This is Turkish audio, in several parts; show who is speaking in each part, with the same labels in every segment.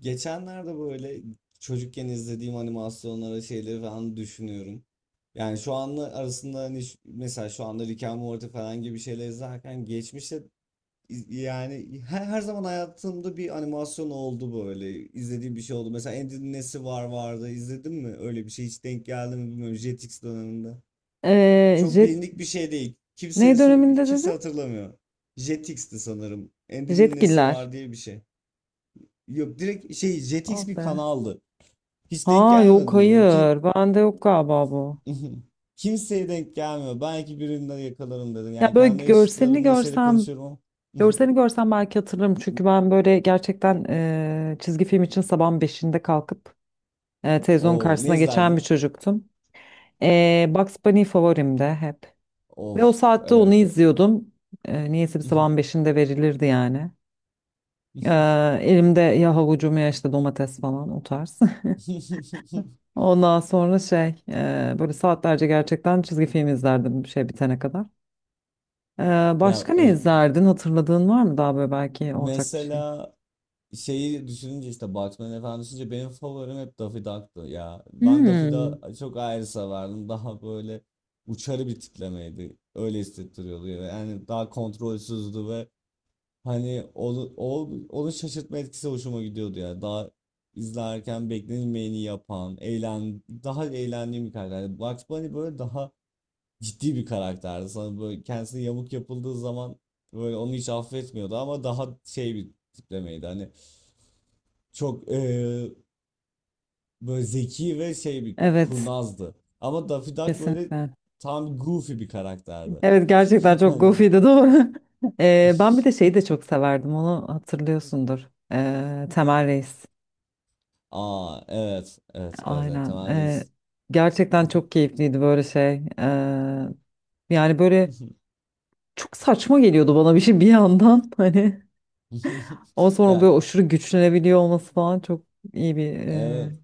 Speaker 1: Geçenlerde böyle çocukken izlediğim animasyonlara şeyleri falan düşünüyorum. Yani şu anla arasında hani mesela şu anda Rick and Morty falan gibi şeyler izlerken geçmişte yani her zaman hayatımda bir animasyon oldu böyle. İzlediğim bir şey oldu. Mesela Andy'nin nesi var vardı izledin mi? Öyle bir şey hiç denk geldi mi bilmiyorum Jetix döneminde.
Speaker 2: Ee,
Speaker 1: Çok
Speaker 2: jet,
Speaker 1: bilindik bir şey değil. Kimseye
Speaker 2: ne döneminde
Speaker 1: kimse
Speaker 2: dedin?
Speaker 1: hatırlamıyor. Jetix'ti sanırım. Andy'nin nesi
Speaker 2: Jetgiller.
Speaker 1: var diye bir şey. Yok, direkt şey
Speaker 2: Oh
Speaker 1: Jetix bir
Speaker 2: be.
Speaker 1: kanaldı. Hiç denk
Speaker 2: Ha yok,
Speaker 1: gelmedin mi? Ki
Speaker 2: hayır. Bende yok galiba bu.
Speaker 1: kimseye denk gelmiyor. Belki birinden yakalarım dedim.
Speaker 2: Ya
Speaker 1: Yani
Speaker 2: böyle
Speaker 1: kendi
Speaker 2: görselini
Speaker 1: yaşıtlarımla şeyde konuşuyorum ama.
Speaker 2: görselini görsem belki hatırlarım. Çünkü ben böyle gerçekten çizgi film için sabahın beşinde kalkıp televizyon
Speaker 1: Oo, ne
Speaker 2: karşısına geçen
Speaker 1: izlerdin?
Speaker 2: bir çocuktum. Bugs Bunny favorimde hep. Ve o
Speaker 1: Of,
Speaker 2: saatte onu
Speaker 1: evet.
Speaker 2: izliyordum. Niyeyse bir sabahın beşinde verilirdi yani. E, Elimde ya havucum ya işte domates falan o tarz. Ondan sonra şey böyle saatlerce gerçekten çizgi film izlerdim bir şey bitene kadar. E,
Speaker 1: Ya
Speaker 2: Başka ne izlerdin? Hatırladığın var mı daha böyle belki ortak bir şey?
Speaker 1: mesela şeyi düşününce işte Batman falan düşününce benim favorim hep Daffy Duck'tı ya. Ben Daffy
Speaker 2: Hmm,
Speaker 1: Duck'ı çok ayrı severdim. Daha böyle uçarı bir tiplemeydi. Öyle hissettiriyordu. Yani daha kontrolsüzdü ve hani onun şaşırtma etkisi hoşuma gidiyordu ya. Daha izlerken beklenilmeyeni yapan, daha eğlendiğim bir karakter. Yani Bugs Bunny böyle daha ciddi bir karakterdi. Sana böyle kendisine yamuk yapıldığı zaman böyle onu hiç affetmiyordu ama daha şey bir tiplemeydi. Hani çok böyle zeki ve şey bir
Speaker 2: evet
Speaker 1: kurnazdı. Ama Daffy Duck böyle
Speaker 2: kesinlikle.
Speaker 1: tam goofy bir karakterdi.
Speaker 2: Evet gerçekten çok
Speaker 1: Hani-
Speaker 2: goofy'di doğru. Ben bir de şeyi de çok severdim, onu hatırlıyorsundur. Temel Reis.
Speaker 1: Aa, evet evet evet, evet.
Speaker 2: Aynen.
Speaker 1: Temel Reis.
Speaker 2: Gerçekten çok keyifliydi böyle şey. E, Yani böyle çok saçma geliyordu bana bir şey bir yandan hani. Ama sonra
Speaker 1: Ya,
Speaker 2: böyle aşırı güçlenebiliyor olması falan çok iyi bir
Speaker 1: evet.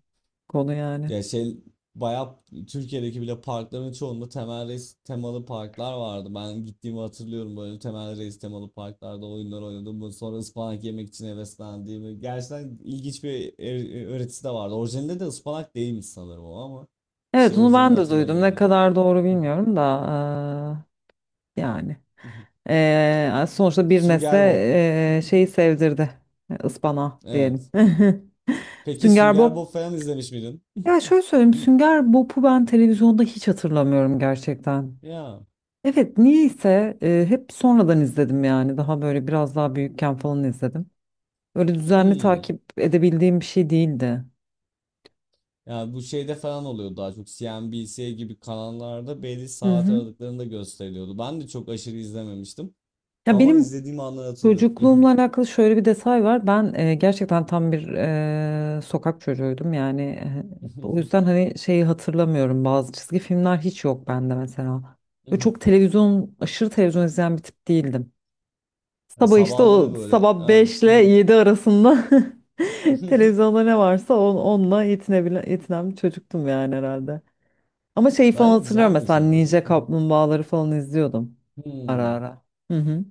Speaker 2: konu yani.
Speaker 1: Ya şey bayağı Türkiye'deki bile parkların çoğunda temel reis temalı parklar vardı. Ben gittiğimi hatırlıyorum böyle temel reis temalı parklarda oyunlar oynadım. Sonra ıspanak yemek için heveslendiğimi. Gerçekten ilginç bir öğretisi de vardı. Orijinalinde de ıspanak değilmiş sanırım o ama. İşte
Speaker 2: Evet onu
Speaker 1: orijinalini
Speaker 2: ben de duydum. Ne
Speaker 1: hatırlamıyorum ben.
Speaker 2: kadar doğru bilmiyorum da yani. Sonuçta bir nesle
Speaker 1: Sünger Bob.
Speaker 2: şeyi sevdirdi. Ispanağı diyelim.
Speaker 1: Evet. Peki
Speaker 2: Sünger
Speaker 1: Sünger
Speaker 2: Bob.
Speaker 1: Bob falan izlemiş miydin?
Speaker 2: Ya şöyle söyleyeyim. Sünger Bob'u ben televizyonda hiç hatırlamıyorum gerçekten.
Speaker 1: Ya.
Speaker 2: Evet niyeyse hep sonradan izledim yani. Daha böyle biraz daha büyükken falan izledim. Öyle düzenli
Speaker 1: Hmm.
Speaker 2: takip edebildiğim bir şey değildi.
Speaker 1: Yani bu şeyde falan oluyor, daha çok CNBC gibi kanallarda belli
Speaker 2: Hı
Speaker 1: saat
Speaker 2: hı.
Speaker 1: aralıklarında gösteriliyordu. Ben de çok aşırı izlememiştim
Speaker 2: Ya
Speaker 1: ama
Speaker 2: benim
Speaker 1: izlediğim anları hatırlıyorum.
Speaker 2: çocukluğumla alakalı şöyle bir detay var. Ben gerçekten tam bir sokak çocuğuydum. Yani o yüzden hani şeyi hatırlamıyorum. Bazı çizgi filmler hiç yok bende mesela. Ve çok televizyon, aşırı televizyon izleyen bir tip değildim.
Speaker 1: Yani
Speaker 2: Sabah işte
Speaker 1: sabahları
Speaker 2: o
Speaker 1: böyle.
Speaker 2: sabah 5 ile 7 arasında televizyonda ne varsa onunla yetinebilen, yetinen bir çocuktum yani herhalde. Ama şeyi falan
Speaker 1: Bence
Speaker 2: hatırlıyorum,
Speaker 1: güzelmiş
Speaker 2: mesela
Speaker 1: ama.
Speaker 2: Ninja Kaplumbağaları falan izliyordum ara
Speaker 1: Hmm.
Speaker 2: ara. Hı hı.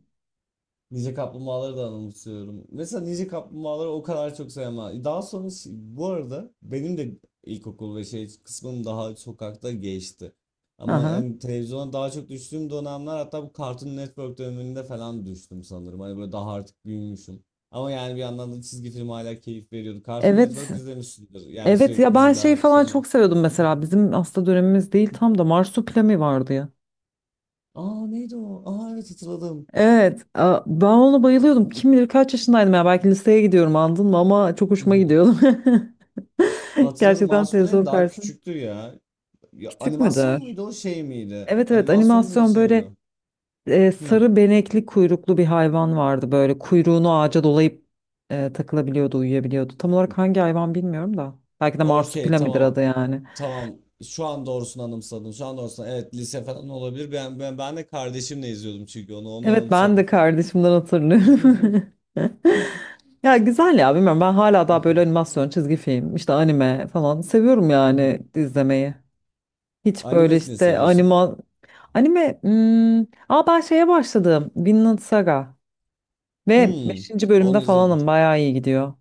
Speaker 1: Ninja Kaplumbağaları da anımsıyorum. Mesela Ninja Kaplumbağaları o kadar çok sevmem. Daha sonra bu arada benim de ilkokul ve şey kısmım daha sokakta geçti. Ama
Speaker 2: Aha.
Speaker 1: yani televizyona daha çok düştüğüm dönemler, hatta bu Cartoon Network döneminde falan düştüm sanırım. Hani böyle daha artık büyümüşüm. Ama yani bir yandan da çizgi film hala keyif veriyordu. Cartoon
Speaker 2: Evet.
Speaker 1: Network izlemişsindir. Yani
Speaker 2: Evet
Speaker 1: sürekli
Speaker 2: ya ben şey
Speaker 1: diziler,
Speaker 2: falan
Speaker 1: şeyler.
Speaker 2: çok seviyordum, mesela bizim hasta dönemimiz değil tam da Marsupilami vardı ya.
Speaker 1: Aa, neydi o? Aa, evet hatırladım.
Speaker 2: Evet, ben ona bayılıyordum. Kim bilir kaç yaşındaydım ya, belki liseye gidiyorum andın mı ama çok hoşuma gidiyordu.
Speaker 1: Hatırladım.
Speaker 2: Gerçekten
Speaker 1: Marshmallow'in
Speaker 2: televizyon
Speaker 1: daha
Speaker 2: karşısında.
Speaker 1: küçüktü ya. Ya,
Speaker 2: Küçük
Speaker 1: animasyon
Speaker 2: müdür?
Speaker 1: muydu o şey miydi?
Speaker 2: Evet evet,
Speaker 1: Animasyon muydu
Speaker 2: animasyon
Speaker 1: şey miydi
Speaker 2: böyle
Speaker 1: o? Hmm.
Speaker 2: sarı benekli kuyruklu bir hayvan vardı, böyle kuyruğunu ağaca dolayıp takılabiliyordu, uyuyabiliyordu. Tam olarak hangi hayvan bilmiyorum da belki de
Speaker 1: Okey,
Speaker 2: Marsupilami'dir
Speaker 1: tamam
Speaker 2: adı yani.
Speaker 1: tamam. Şu an doğrusunu anımsadım. Şu an doğrusunu. Evet, lise falan olabilir. Ben de kardeşimle izliyordum çünkü onu
Speaker 2: Evet ben de
Speaker 1: anımsadım.
Speaker 2: kardeşimden hatırlıyorum. Ya güzel ya, bilmiyorum, ben hala daha böyle animasyon, çizgi film, işte anime falan seviyorum yani izlemeyi. Hiç böyle
Speaker 1: Anime ne
Speaker 2: işte
Speaker 1: seviyorsun?
Speaker 2: anime, hmm, aa ben şeye başladım. Vinland Saga ve
Speaker 1: Hmm.
Speaker 2: beşinci bölümde
Speaker 1: Onu izledim.
Speaker 2: falanım, bayağı iyi gidiyor.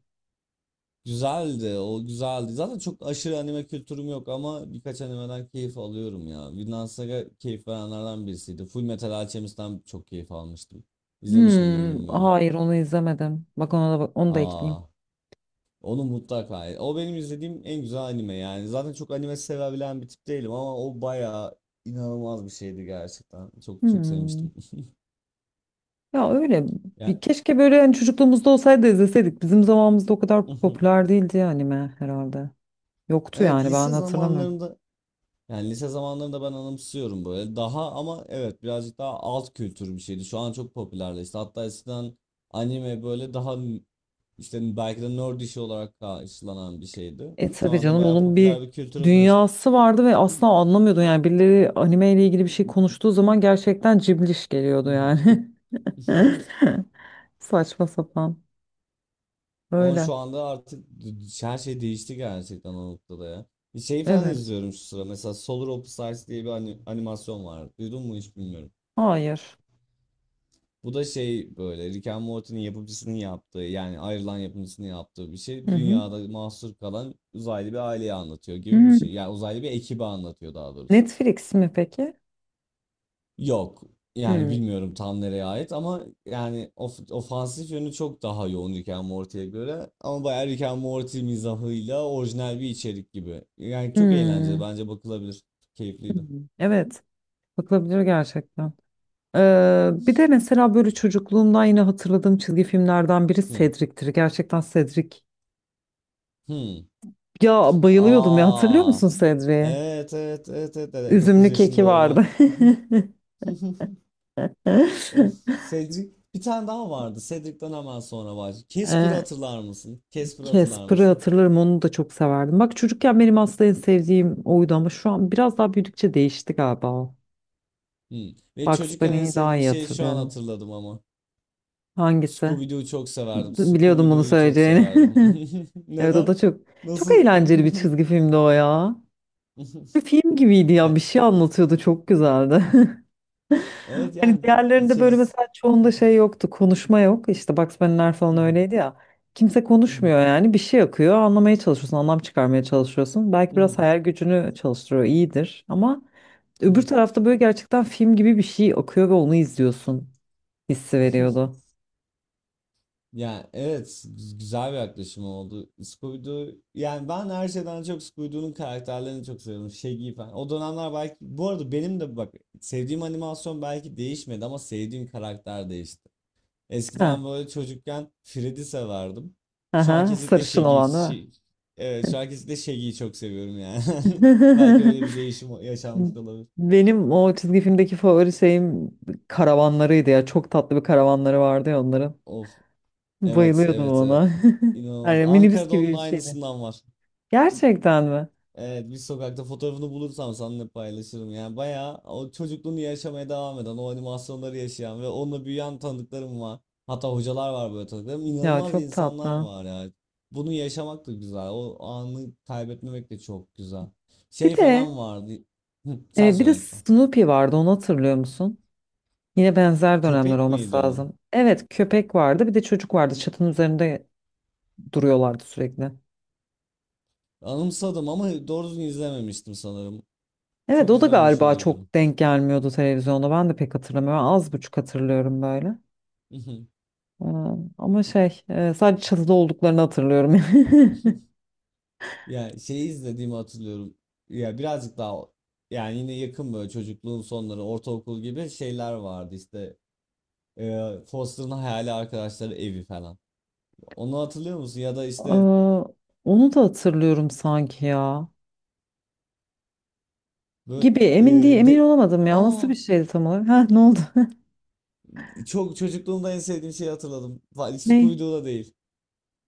Speaker 1: Güzeldi. O güzeldi. Zaten çok aşırı anime kültürüm yok ama birkaç animeden keyif alıyorum ya. Vinland Saga keyif verenlerden birisiydi. Full Metal Alchemist'ten çok keyif almıştım. İzlemiş miydim
Speaker 2: Hmm,
Speaker 1: bilmiyorum.
Speaker 2: hayır onu izlemedim. Bak ona da bak, onu da ekleyeyim.
Speaker 1: Aa, onu mutlaka. O benim izlediğim en güzel anime yani. Zaten çok anime sevebilen bir tip değilim ama o bayağı inanılmaz bir şeydi gerçekten. Çok çok
Speaker 2: Hmm.
Speaker 1: sevmiştim.
Speaker 2: Ya öyle
Speaker 1: Yani,
Speaker 2: bir keşke böyle hani çocukluğumuzda olsaydı izleseydik. Bizim zamanımızda o kadar popüler değildi ya anime herhalde. Yoktu
Speaker 1: evet,
Speaker 2: yani, ben
Speaker 1: lise
Speaker 2: hatırlamıyorum.
Speaker 1: zamanlarında, yani lise zamanlarında ben anımsıyorum böyle. Daha ama evet, birazcık daha alt kültür bir şeydi. Şu an çok popülerleşti. Hatta eskiden anime böyle daha işte belki de nerd işi olarak karşılanan bir şeydi.
Speaker 2: E
Speaker 1: Şu
Speaker 2: tabii
Speaker 1: anda
Speaker 2: canım,
Speaker 1: bayağı
Speaker 2: onun
Speaker 1: popüler
Speaker 2: bir
Speaker 1: bir kültüre dönüştü.
Speaker 2: dünyası vardı ve asla anlamıyordun yani, birileri anime ile ilgili bir şey konuştuğu zaman gerçekten cibliş geliyordu yani. Saçma sapan.
Speaker 1: Ama
Speaker 2: Öyle.
Speaker 1: şu anda artık her şey değişti gerçekten o noktada ya. Bir şey falan
Speaker 2: Evet.
Speaker 1: izliyorum şu sıra. Mesela Solar Opposites diye bir animasyon var. Duydun mu hiç bilmiyorum.
Speaker 2: Hayır.
Speaker 1: Bu da şey böyle Rick and Morty'nin yapımcısının yaptığı, yani ayrılan yapımcısının yaptığı bir şey.
Speaker 2: Hı hı.
Speaker 1: Dünyada mahsur kalan uzaylı bir aileyi anlatıyor gibi bir
Speaker 2: Hmm.
Speaker 1: şey. Yani uzaylı bir ekibi anlatıyor daha doğrusu.
Speaker 2: Netflix mi peki?
Speaker 1: Yok. Yani
Speaker 2: Hmm.
Speaker 1: bilmiyorum tam nereye ait ama yani ofansif yönü çok daha yoğun Rick and Morty'ye göre. Ama bayağı Rick and Morty mizahıyla orijinal bir içerik gibi. Yani çok eğlenceli,
Speaker 2: Hmm.
Speaker 1: bence bakılabilir. Keyifliydi.
Speaker 2: Hmm. Evet. Bakılabilir gerçekten. Bir de mesela böyle çocukluğumdan yine hatırladığım çizgi filmlerden biri
Speaker 1: Hmm.
Speaker 2: Cedric'tir. Gerçekten Cedric,
Speaker 1: Hmm.
Speaker 2: ya bayılıyordum ya, hatırlıyor
Speaker 1: Aa.
Speaker 2: musun Sedri'yi?
Speaker 1: Evet evet evet evet, evet. 9
Speaker 2: Üzümlü
Speaker 1: yaşında
Speaker 2: keki
Speaker 1: olmak.
Speaker 2: vardı.
Speaker 1: Of, Cedric. Bir tane daha vardı. Cedric'ten hemen sonra var. Casper'ı
Speaker 2: Ee,
Speaker 1: hatırlar mısın? Casper'ı hatırlar
Speaker 2: Casper'ı
Speaker 1: mısın?
Speaker 2: hatırlarım, onu da çok severdim. Bak çocukken benim aslında en sevdiğim oydu ama şu an biraz daha büyüdükçe değişti galiba o.
Speaker 1: Hmm. Ve
Speaker 2: Bugs
Speaker 1: çocukken en
Speaker 2: Bunny'yi daha
Speaker 1: sevdiğim
Speaker 2: iyi
Speaker 1: şey şu an
Speaker 2: hatırlıyorum.
Speaker 1: hatırladım ama.
Speaker 2: Hangisi?
Speaker 1: Scooby-Doo'yu çok severdim.
Speaker 2: Biliyordum bunu
Speaker 1: Scooby-Doo'yu çok
Speaker 2: söyleyeceğini.
Speaker 1: severdim.
Speaker 2: Evet, o da
Speaker 1: Neden?
Speaker 2: çok
Speaker 1: Nasıl?
Speaker 2: eğlenceli bir çizgi filmdi o ya. Bir film gibiydi ya,
Speaker 1: Ya,
Speaker 2: bir şey anlatıyordu, çok güzeldi.
Speaker 1: evet
Speaker 2: Hani
Speaker 1: yani
Speaker 2: diğerlerinde böyle
Speaker 1: içerisi.
Speaker 2: mesela çoğunda şey yoktu. Konuşma yok. İşte Bugs Bunny'ler falan öyleydi ya. Kimse konuşmuyor yani. Bir şey akıyor. Anlamaya çalışıyorsun. Anlam çıkarmaya çalışıyorsun. Belki biraz hayal gücünü çalıştırıyor, iyidir. Ama öbür tarafta böyle gerçekten film gibi bir şey akıyor ve onu izliyorsun. Hissi veriyordu.
Speaker 1: Yani evet, güzel bir yaklaşım oldu. Scooby-Doo yani ben her şeyden çok Scooby-Doo'nun karakterlerini çok seviyorum. Shaggy falan. O dönemler belki, bu arada benim de bak sevdiğim animasyon belki değişmedi ama sevdiğim karakter değişti.
Speaker 2: Ha,
Speaker 1: Eskiden böyle çocukken Freddy severdim. Şu an
Speaker 2: aha,
Speaker 1: kesinlikle
Speaker 2: sarışın
Speaker 1: Shaggy,
Speaker 2: olan değil mi?
Speaker 1: şey, evet, şu an kesinlikle Shaggy'yi çok seviyorum yani. Belki öyle bir değişim yaşanmış olabilir.
Speaker 2: Benim o çizgi filmdeki favori şeyim karavanlarıydı ya. Çok tatlı bir karavanları vardı ya onların.
Speaker 1: Of, evet,
Speaker 2: Bayılıyordum
Speaker 1: evet,
Speaker 2: ona.
Speaker 1: evet. İnanılmaz.
Speaker 2: Yani minibüs
Speaker 1: Ankara'da
Speaker 2: gibi
Speaker 1: onun
Speaker 2: bir şeydi.
Speaker 1: aynısından var.
Speaker 2: Gerçekten mi?
Speaker 1: Evet, bir sokakta fotoğrafını bulursam seninle paylaşırım. Yani bayağı o çocukluğunu yaşamaya devam eden, o animasyonları yaşayan ve onunla büyüyen tanıdıklarım var. Hatta hocalar var böyle tanıdıklarım.
Speaker 2: Ya
Speaker 1: İnanılmaz
Speaker 2: çok
Speaker 1: insanlar
Speaker 2: tatlı.
Speaker 1: var ya. Bunu yaşamak da güzel. O anı kaybetmemek de çok güzel.
Speaker 2: Bir
Speaker 1: Şey
Speaker 2: de
Speaker 1: falan vardı. Hı, sen
Speaker 2: bir de
Speaker 1: söyle lütfen.
Speaker 2: Snoopy vardı, onu hatırlıyor musun? Yine benzer dönemler
Speaker 1: Köpek
Speaker 2: olması
Speaker 1: miydi o?
Speaker 2: lazım. Evet, köpek vardı, bir de çocuk vardı, çatının üzerinde duruyorlardı sürekli.
Speaker 1: Anımsadım ama doğru düzgün izlememiştim sanırım.
Speaker 2: Evet
Speaker 1: Çok
Speaker 2: o da
Speaker 1: izlememiş
Speaker 2: galiba
Speaker 1: olabilirim.
Speaker 2: çok denk gelmiyordu televizyonda, ben de pek hatırlamıyorum, az buçuk hatırlıyorum böyle. Ee, Ama şey sadece çatıda olduklarını hatırlıyorum.
Speaker 1: Ya, şeyi izlediğimi hatırlıyorum. Ya birazcık daha, yani yine yakın böyle çocukluğun sonları, ortaokul gibi şeyler vardı işte. E, Foster'ın hayali arkadaşları evi falan. Onu hatırlıyor musun? Ya da işte
Speaker 2: Ee, Onu da hatırlıyorum sanki ya.
Speaker 1: böyle
Speaker 2: Gibi,
Speaker 1: e,
Speaker 2: emin değil, emin
Speaker 1: de
Speaker 2: olamadım ya. O nasıl
Speaker 1: Aa,
Speaker 2: bir şeydi tam olarak? Ha, ne oldu?
Speaker 1: çok, çocukluğumda en sevdiğim şeyi hatırladım.
Speaker 2: Ney?
Speaker 1: Scooby-Doo'da değil.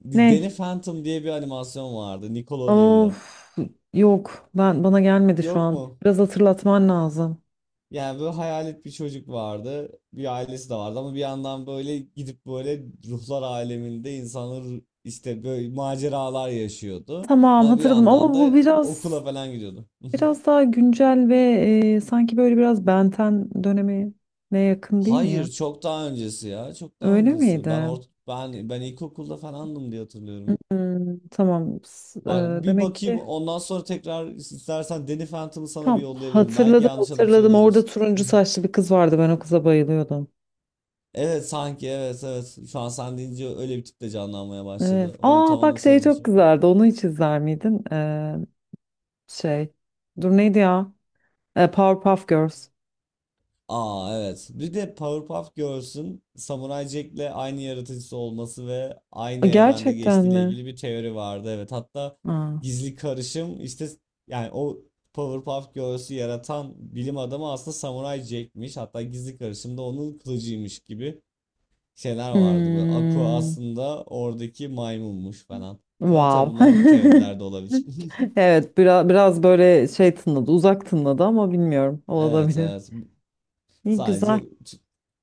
Speaker 2: Ney?
Speaker 1: Danny Phantom diye bir animasyon vardı Nickelodeon'da.
Speaker 2: Of, yok, ben bana gelmedi şu
Speaker 1: Yok
Speaker 2: an.
Speaker 1: mu?
Speaker 2: Biraz hatırlatman lazım.
Speaker 1: Yani böyle hayalet bir çocuk vardı. Bir ailesi de vardı ama bir yandan böyle gidip böyle ruhlar aleminde insanlar işte böyle maceralar yaşıyordu.
Speaker 2: Tamam
Speaker 1: Ama bir
Speaker 2: hatırladım, ama
Speaker 1: yandan
Speaker 2: bu
Speaker 1: da
Speaker 2: biraz
Speaker 1: okula falan gidiyordu.
Speaker 2: daha güncel ve sanki böyle biraz Benten dönemi ne, yakın değil mi ya?
Speaker 1: Hayır, çok daha öncesi ya. Çok daha
Speaker 2: Öyle
Speaker 1: öncesi. Ben
Speaker 2: miydi?
Speaker 1: ort ben ben ilkokulda falandım diye hatırlıyorum.
Speaker 2: Hmm, tamam.
Speaker 1: Bak bir
Speaker 2: Demek
Speaker 1: bakayım,
Speaker 2: ki
Speaker 1: ondan sonra tekrar istersen Danny Phantom'ı sana bir
Speaker 2: tam
Speaker 1: yollayabilirim. Belki yanlış anımsıyor
Speaker 2: hatırladım. Orada
Speaker 1: olabilirsin.
Speaker 2: turuncu saçlı bir kız vardı. Ben o kıza bayılıyordum.
Speaker 1: Evet sanki, evet evet. Şu an sen deyince öyle bir tip de canlanmaya
Speaker 2: Evet.
Speaker 1: başladı. Onu
Speaker 2: Aa
Speaker 1: tam
Speaker 2: bak, şey çok
Speaker 1: anımsayamamışım.
Speaker 2: güzeldi. Onu hiç izler miydin? Şey. Dur, neydi ya? Powerpuff Girls.
Speaker 1: Aa, evet. Bir de Powerpuff Girls'ün Samurai Jack'le aynı yaratıcısı olması ve aynı evrende
Speaker 2: Gerçekten
Speaker 1: geçtiğiyle
Speaker 2: mi?
Speaker 1: ilgili bir teori vardı. Evet, hatta
Speaker 2: Aa.
Speaker 1: gizli karışım işte, yani o Powerpuff Girls'ü yaratan bilim adamı aslında Samurai Jack'miş. Hatta gizli karışım da onun kılıcıymış gibi şeyler vardı. Böyle Aqua
Speaker 2: Hmm.
Speaker 1: aslında oradaki maymunmuş falan. Ama tabii
Speaker 2: Wow.
Speaker 1: bunlar teorilerde olabilir.
Speaker 2: Evet biraz böyle şey tınladı. Uzak tınladı ama bilmiyorum.
Speaker 1: Evet,
Speaker 2: Olabilir.
Speaker 1: evet.
Speaker 2: İyi güzel.
Speaker 1: Sadece.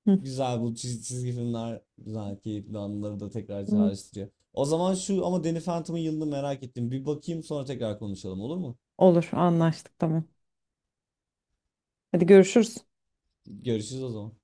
Speaker 2: Hı.
Speaker 1: Güzel, bu çizgi filmler güzel keyifli anıları da tekrar çağrıştırıyor. O zaman şu, ama Danny Phantom'ın yılını merak ettim. Bir bakayım, sonra tekrar konuşalım olur mu?
Speaker 2: Olur, anlaştık, tamam. Hadi görüşürüz.
Speaker 1: Görüşürüz o zaman.